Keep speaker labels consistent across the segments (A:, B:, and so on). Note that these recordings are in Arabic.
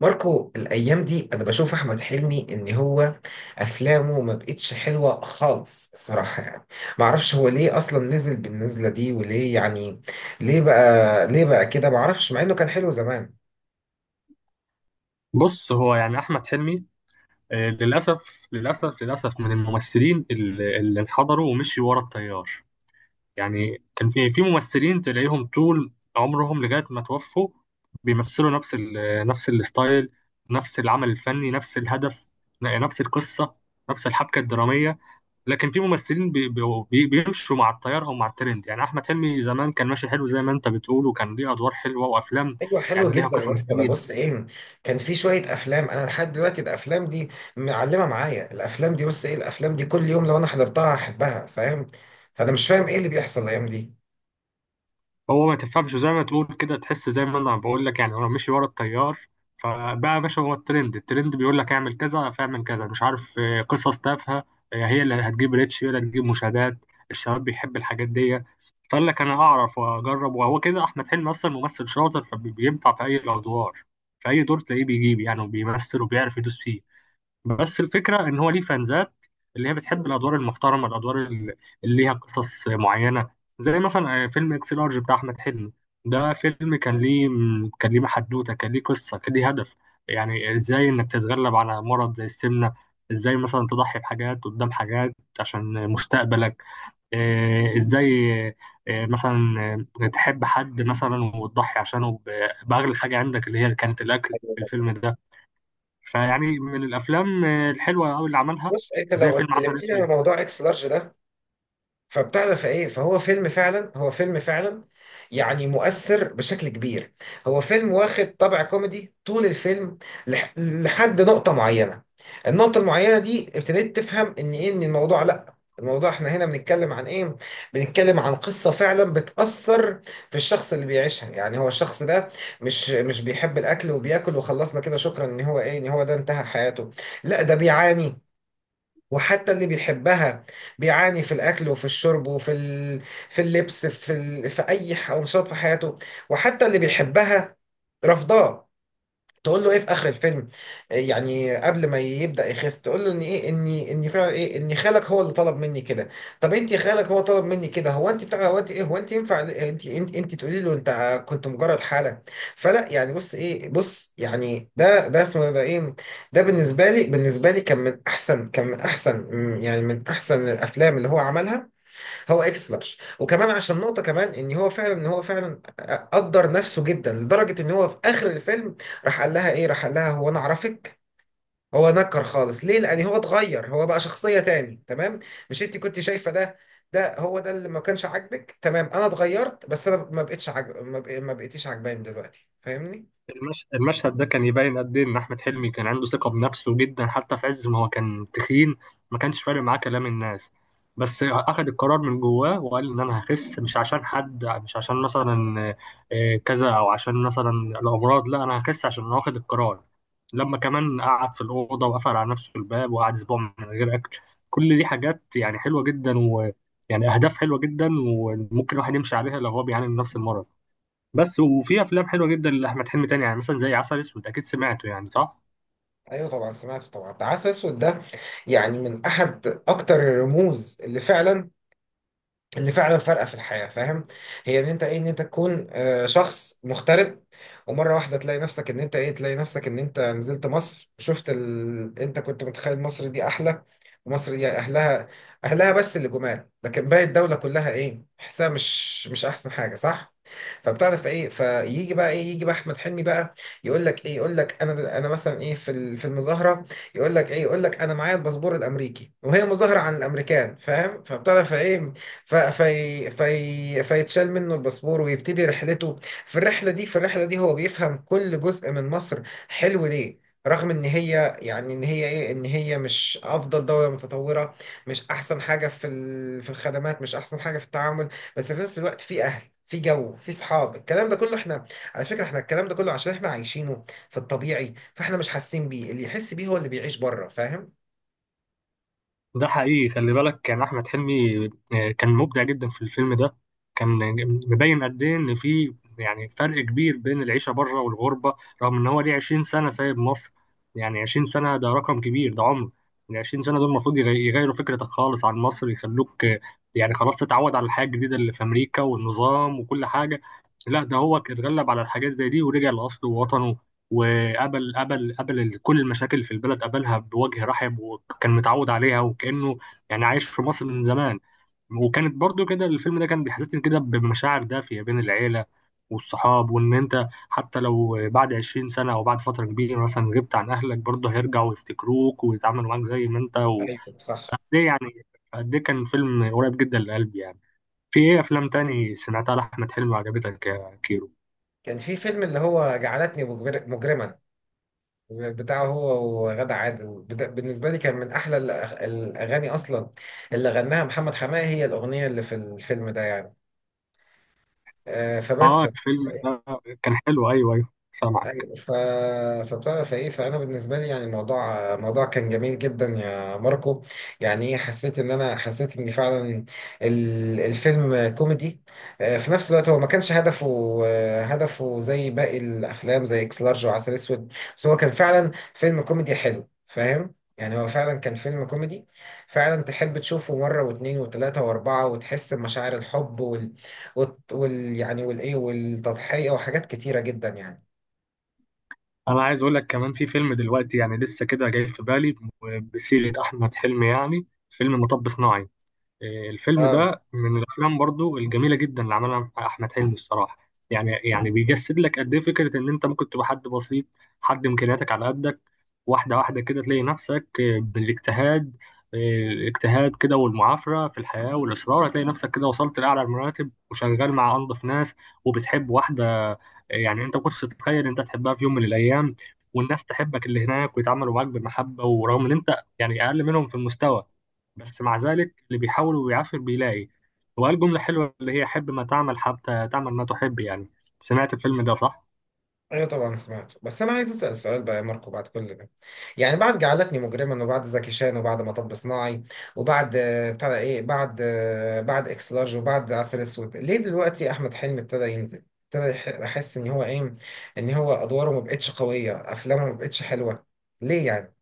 A: ماركو، الايام دي انا بشوف احمد حلمي ان هو افلامه ما بقتش حلوه خالص الصراحه. ما اعرفش هو ليه اصلا نزل بالنزله دي، وليه ليه بقى كده، ما اعرفش، مع انه كان حلو زمان.
B: بص، هو يعني احمد حلمي، للاسف، من الممثلين اللي انحدروا ومشيوا ورا التيار. يعني كان في ممثلين تلاقيهم طول عمرهم لغايه ما توفوا بيمثلوا نفس الستايل، نفس العمل الفني، نفس الهدف، نفس القصه، نفس الحبكه الدراميه. لكن في ممثلين بي بي بيمشوا مع التيار او مع الترند. يعني احمد حلمي زمان كان ماشي حلو زي ما انت بتقول، وكان ليه ادوار حلوه وافلام،
A: ايوه حلو
B: يعني ليها
A: جدا يا
B: قصص
A: اسطى. ده
B: جميله.
A: بص ايه، كان في شويه افلام انا لحد دلوقتي الافلام دي معلمه معايا. الافلام دي بص ايه، الافلام دي كل يوم لو انا حضرتها هحبها، فاهم؟ فانا مش فاهم ايه اللي بيحصل الايام دي.
B: هو ما تفهمش، زي ما تقول كده تحس، زي ما انا بقول لك، يعني هو مشي ورا التيار. فبقى يا باشا، هو الترند، الترند بيقول لك اعمل كذا فاعمل كذا، مش عارف، قصص تافهه، هي اللي هتجيب ريتش، هي اللي هتجيب مشاهدات، الشباب بيحب الحاجات دي. فقال لك انا اعرف واجرب، وهو كده احمد حلمي اصلا ممثل شاطر فبينفع في اي الادوار. في اي دور تلاقيه بيجيب يعني، وبيمثل وبيعرف يدوس فيه. بس الفكرة إن هو ليه فانزات اللي هي بتحب الأدوار المحترمة، الأدوار اللي ليها قصص معينة. زي مثلا فيلم إكس لارج بتاع أحمد حلمي، ده فيلم كان ليه، كان ليه حدوتة، كان ليه قصة، كان ليه هدف. يعني إزاي إنك تتغلب على مرض زي السمنة، إزاي مثلا تضحي بحاجات قدام حاجات عشان مستقبلك، إزاي، مثلا، تحب حد مثلا وتضحي عشانه بأغلى حاجة عندك، اللي هي كانت الأكل
A: أيوة،
B: في
A: بس
B: الفيلم ده. فيعني من الافلام الحلوه قوي اللي عملها،
A: بص، انت
B: زي
A: لو
B: فيلم عسل
A: اتكلمتني عن
B: اسود.
A: موضوع اكس لارج ده، فبتاع ده فايه فهو فيلم فعلا، يعني مؤثر بشكل كبير. هو فيلم واخد طابع كوميدي طول الفيلم لحد نقطة معينة. النقطة المعينة دي ابتديت تفهم ان ايه، ان الموضوع، لا، الموضوع احنا هنا بنتكلم عن ايه، بنتكلم عن قصة فعلا بتأثر في الشخص اللي بيعيشها. يعني هو الشخص ده مش بيحب الاكل وبياكل وخلصنا كده، شكرا، ان هو ايه ان هو ده انتهى حياته، لا ده بيعاني. وحتى اللي بيحبها بيعاني في الأكل وفي الشرب وفي ال... في اللبس، في ال... في أي أنشطة في حياته. وحتى اللي بيحبها رفضاه. تقول له ايه في اخر الفيلم، يعني قبل ما يبدا يخس، تقول له ان ايه، اني فعلا ايه، ان خالك هو اللي طلب مني كده. طب انت خالك هو طلب مني كده، هو انت بتاع، هو انت ايه، هو انت ينفع انت تقولي له انت كنت مجرد حاله؟ فلا، يعني بص ايه، بص، يعني ده اسمه ده ايه، ده بالنسبه لي، كان من احسن، يعني من احسن الافلام اللي هو عملها هو اكس لارج. وكمان عشان نقطة كمان، ان هو فعلا قدر نفسه جدا لدرجة ان هو في اخر الفيلم راح قال لها هو انا اعرفك؟ هو نكر خالص. ليه؟ لان هو اتغير، هو بقى شخصية تاني، تمام. مش انت كنت شايفة ده، ده هو ده اللي ما كانش عاجبك؟ تمام، انا اتغيرت بس انا ما بقتش عاجب، ما بقيتيش عجباني دلوقتي، فاهمني؟
B: المشهد ده كان يبين قد ايه ان احمد حلمي كان عنده ثقه بنفسه جدا، حتى في عز ما هو كان تخين. ما كانش فارق معاه كلام الناس، بس اخذ القرار من جواه وقال ان انا هخس، مش عشان حد، مش عشان مثلا كذا، او عشان مثلا الامراض. لا، انا هخس عشان انا واخد القرار. لما كمان قعد في الاوضه وقفل على نفسه الباب وقعد اسبوع من غير اكل، كل دي حاجات يعني حلوه جدا، ويعني اهداف حلوه جدا، وممكن الواحد يمشي عليها لو هو بيعاني من نفس المرض. بس وفي افلام حلوه جدا لاحمد حلمي تاني يعني، مثلا زي عسل اسود، اكيد سمعته يعني صح.
A: ايوه طبعا سمعته طبعا. ده عسل اسود ده يعني من احد اكتر الرموز اللي فعلا، فارقه في الحياه، فاهم؟ هي ان انت ايه، ان انت تكون شخص مغترب، ومره واحده تلاقي نفسك ان انت ايه، تلاقي نفسك ان انت نزلت مصر وشفت ال...، انت كنت متخيل مصر دي احلى. ومصر دي اهلها، بس اللي جمال، لكن باقي الدوله كلها ايه، تحسها مش احسن حاجه، صح؟ فبتعرف ايه، فيجي بقى ايه يجي بقى احمد حلمي بقى، يقول لك ايه، يقول لك انا مثلا ايه، في في المظاهره، يقول لك ايه، يقول لك انا معايا الباسبور الامريكي، وهي مظاهره عن الامريكان، فاهم؟ فبتعرف ايه، في فيتشال منه الباسبور ويبتدي رحلته. في الرحلة دي، هو بيفهم كل جزء من مصر حلو ليه، رغم ان هي، يعني ان هي ايه ان هي مش افضل دولة متطورة، مش احسن حاجة في في الخدمات، مش احسن حاجة في التعامل، بس في نفس الوقت في اهل، في جو، في صحاب، الكلام ده كله احنا على فكرة، احنا الكلام ده كله عشان احنا عايشينه في الطبيعي، فاحنا مش حاسين بيه، اللي يحس بيه هو اللي بيعيش بره، فاهم؟
B: ده حقيقي، خلي بالك كان احمد حلمي كان مبدع جدا في الفيلم ده. كان مبين قد ايه ان في يعني فرق كبير بين العيشه بره والغربه. رغم ان هو ليه 20 سنه سايب مصر، يعني 20 سنه ده رقم كبير، ده عمر. ال 20 سنه دول المفروض يغيروا فكرتك خالص عن مصر، يخلوك يعني خلاص تتعود على الحياه الجديده اللي في امريكا والنظام وكل حاجه. لا، ده هو اتغلب على الحاجات زي دي ورجع لاصله ووطنه، وقبل قبل قبل كل المشاكل في البلد قبلها بوجه رحب، وكان متعود عليها، وكأنه يعني عايش في مصر من زمان. وكانت برضو كده، الفيلم ده كان بيحسسني كده بمشاعر دافية بين العيلة والصحاب، وإن أنت حتى لو بعد 20 سنة أو بعد فترة كبيرة مثلا غبت عن أهلك، برضه هيرجعوا يفتكروك ويتعاملوا معاك زي ما أنت.
A: ايوه صح.
B: قد إيه يعني، قد إيه كان فيلم قريب جدا لقلبي يعني. في إيه أفلام تاني سمعتها لأحمد حلمي وعجبتك يا كيرو؟
A: كان في فيلم اللي هو جعلتني مجرما، بتاعه هو وغادة عادل. بالنسبة لي كان من أحلى الأغاني أصلا اللي غناها محمد حماقي، هي الأغنية اللي في الفيلم ده يعني.
B: آه،
A: فبس.
B: الفيلم ده كان حلو، أيوه أيوه، سامعك.
A: ايوه، فبتعرف ايه، فانا بالنسبه لي يعني الموضوع، كان جميل جدا يا ماركو. يعني ايه، حسيت ان فعلا الفيلم كوميدي، في نفس الوقت هو ما كانش هدفه هدفه زي باقي الافلام زي اكس لارج وعسل اسود، بس هو كان فعلا فيلم كوميدي حلو، فاهم؟ يعني هو فعلا كان فيلم كوميدي فعلا تحب تشوفه مرة واثنين وثلاثة وأربعة، وتحس بمشاعر الحب يعني والإيه والتضحية وحاجات كتيرة جدا يعني.
B: انا عايز اقول لك كمان في فيلم دلوقتي يعني لسه كده جاي في بالي بسيرة احمد حلمي، يعني فيلم مطب صناعي. الفيلم
A: اه
B: ده من الافلام برضو الجميله جدا اللي عملها احمد حلمي الصراحه. يعني بيجسد لك قد ايه فكره ان انت ممكن تبقى حد بسيط، حد امكانياتك على قدك، واحده واحده كده تلاقي نفسك بالاجتهاد، آه، الاجتهاد كده والمعافره في الحياه والاصرار، هتلاقي نفسك كده وصلت لاعلى المراتب وشغال مع انظف ناس. وبتحب واحده يعني انت ما كنتش تتخيل انت تحبها في يوم من الايام. والناس تحبك اللي هناك ويتعاملوا معاك بالمحبه، ورغم ان انت يعني اقل منهم في المستوى، بس مع ذلك اللي بيحاول وبيعافر بيلاقي. وقال جملة حلوة اللي هي حب ما تعمل حتى تعمل ما تحب، يعني سمعت الفيلم ده صح؟
A: ايوه طبعا سمعت، بس انا عايز اسال سؤال بقى يا ماركو بعد كل ده، يعني بعد جعلتني مجرما، وبعد زكي شان، وبعد مطب صناعي، وبعد بتاع ده ايه، بعد اكس لارج، وبعد عسل اسود، ليه دلوقتي احمد حلمي ابتدى ينزل، ابتدى احس ان هو ايه، ان هو ادواره ما بقتش قويه، افلامه ما بقتش حلوه، ليه؟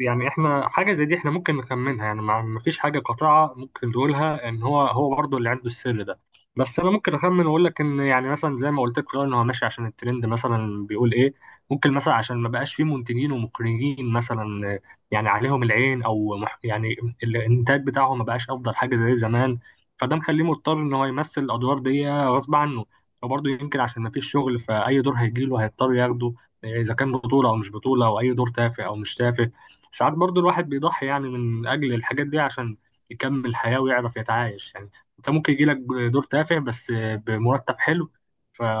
B: يعني احنا حاجة زي دي احنا ممكن نخمنها، يعني ما فيش حاجة قاطعة ممكن تقولها ان هو برضه اللي عنده السر ده. بس انا ممكن اخمن واقول لك ان يعني مثلا زي ما قلت لك في الأول، ان هو ماشي عشان الترند مثلا بيقول ايه. ممكن مثلا عشان ما بقاش فيه منتجين ومخرجين، مثلا يعني عليهم العين، او يعني الانتاج بتاعهم ما بقاش افضل حاجة زي زمان، فده مخليه مضطر ان هو يمثل الادوار دي غصب عنه. وبرضه يمكن عشان ما فيش شغل، فاي دور هيجيله هيضطر ياخده، اذا كان بطولة او مش بطولة او اي دور تافه او مش تافه. ساعات برضو الواحد بيضحي يعني من أجل الحاجات دي عشان يكمل حياة ويعرف يتعايش يعني. أنت ممكن يجيلك دور تافه بس بمرتب حلو،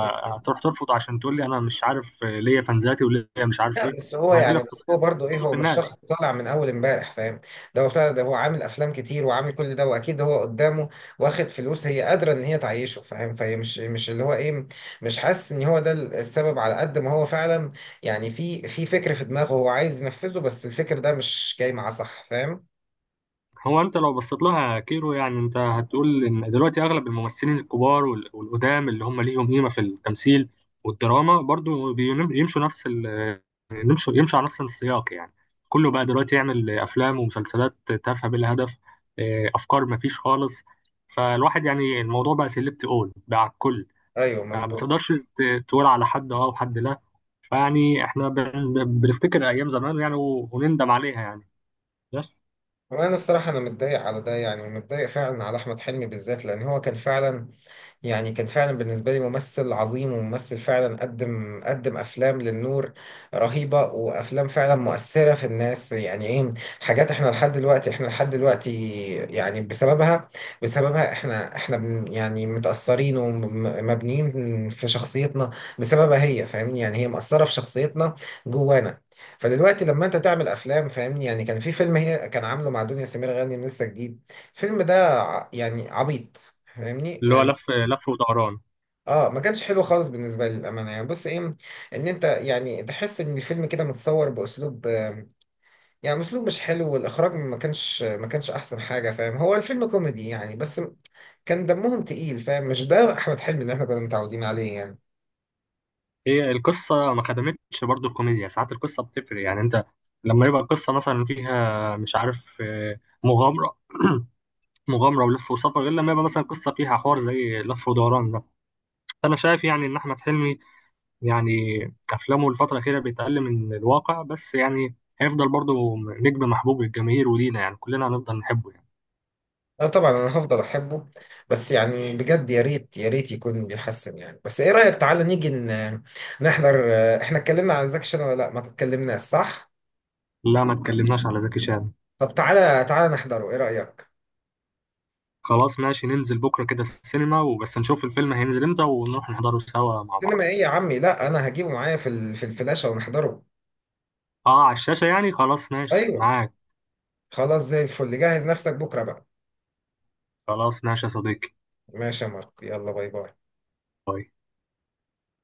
A: يعني
B: ترفض عشان تقول لي أنا مش عارف ليا فانزاتي وليا مش عارف
A: لا،
B: إيه.
A: بس هو
B: ما هيقول
A: يعني،
B: لك،
A: بس هو برضه ايه، هو
B: في
A: مش
B: الناس.
A: شخص طالع من اول امبارح، فاهم؟ ده هو بتاع ده، هو عامل افلام كتير وعامل كل ده، واكيد هو قدامه واخد فلوس هي قادره ان هي تعيشه، فاهم؟ فهي مش اللي هو ايه، مش حاسس ان هو ده السبب، على قد ما هو فعلا يعني في فكر في دماغه هو عايز ينفذه، بس الفكر ده مش جاي معاه، صح فاهم؟
B: هو انت لو بصيت لها يا كيرو، يعني انت هتقول ان دلوقتي اغلب الممثلين الكبار والقدام اللي هم ليهم قيمه في التمثيل والدراما، برضو يمشوا نفس ال يمشوا على نفس السياق يعني. كله بقى دلوقتي يعمل افلام ومسلسلات تافهه بلا هدف. اه، افكار ما فيش خالص. فالواحد يعني الموضوع بقى سيلبت اول بقى على الكل.
A: ايوه
B: يعني ما
A: مظبوط.
B: تقدرش تقول على حد اه وحد لا. فيعني احنا بنفتكر ايام زمان يعني ونندم عليها يعني. بس
A: وانا الصراحه انا متضايق على ده، يعني متضايق فعلا على احمد حلمي بالذات، لان هو كان فعلا، يعني كان فعلا بالنسبة لي ممثل عظيم، وممثل فعلا قدم أفلام للنور رهيبة، وأفلام فعلا مؤثرة في الناس. يعني إيه، حاجات إحنا لحد دلوقتي، يعني بسببها، يعني متأثرين ومبنيين في شخصيتنا بسببها هي، فاهمني؟ يعني هي مأثرة في شخصيتنا جوانا. فدلوقتي لما أنت تعمل أفلام، فاهمني يعني، كان في فيلم هي كان عامله مع دنيا سمير غانم لسه جديد، الفيلم ده يعني عبيط، فاهمني
B: اللي هو،
A: يعني.
B: لف ودوران،
A: اه، ما كانش حلو خالص بالنسبه لي للامانه. يعني بص ايه، ان انت يعني تحس ان الفيلم كده متصور باسلوب يعني اسلوب مش حلو، والاخراج ما كانش احسن حاجه، فاهم؟ هو الفيلم كوميدي يعني بس كان دمهم تقيل، فاهم؟ مش ده احمد حلمي اللي احنا كنا متعودين عليه يعني.
B: هي القصة ما خدمتش برضو الكوميديا. ساعات القصة بتفرق يعني، انت لما يبقى القصة مثلا فيها مش عارف مغامرة مغامرة ولف وسفر، غير لما يبقى مثلا قصة فيها حوار زي لف ودوران ده. أنا شايف يعني إن أحمد حلمي يعني أفلامه الفترة الأخيرة بيتقل من الواقع بس يعني. هيفضل برضو نجم محبوب للجماهير ولينا، يعني كلنا هنفضل نحبه يعني.
A: اه طبعا انا هفضل احبه، بس يعني بجد يا ريت يا ريت يكون بيحسن يعني. بس ايه رايك، تعالى نيجي نحضر، احنا اتكلمنا عن زكشن ولا لا؟ ما اتكلمناش، صح؟
B: لا، ما اتكلمناش على زكي شان.
A: طب تعالى تعالى نحضره، ايه رايك؟
B: خلاص ماشي، ننزل بكرة كده السينما وبس نشوف الفيلم هينزل امتى ونروح نحضره سوا مع
A: سينما
B: بعض.
A: ايه يا عمي؟ لا انا هجيبه معايا في ال... في الفلاشه ونحضره.
B: اه، على الشاشة يعني، خلاص ماشي
A: ايوه
B: معاك.
A: خلاص زي الفل، جهز نفسك بكره بقى.
B: خلاص ماشي يا صديقي،
A: ماشي يا مارك، يلا باي باي.
B: طيب.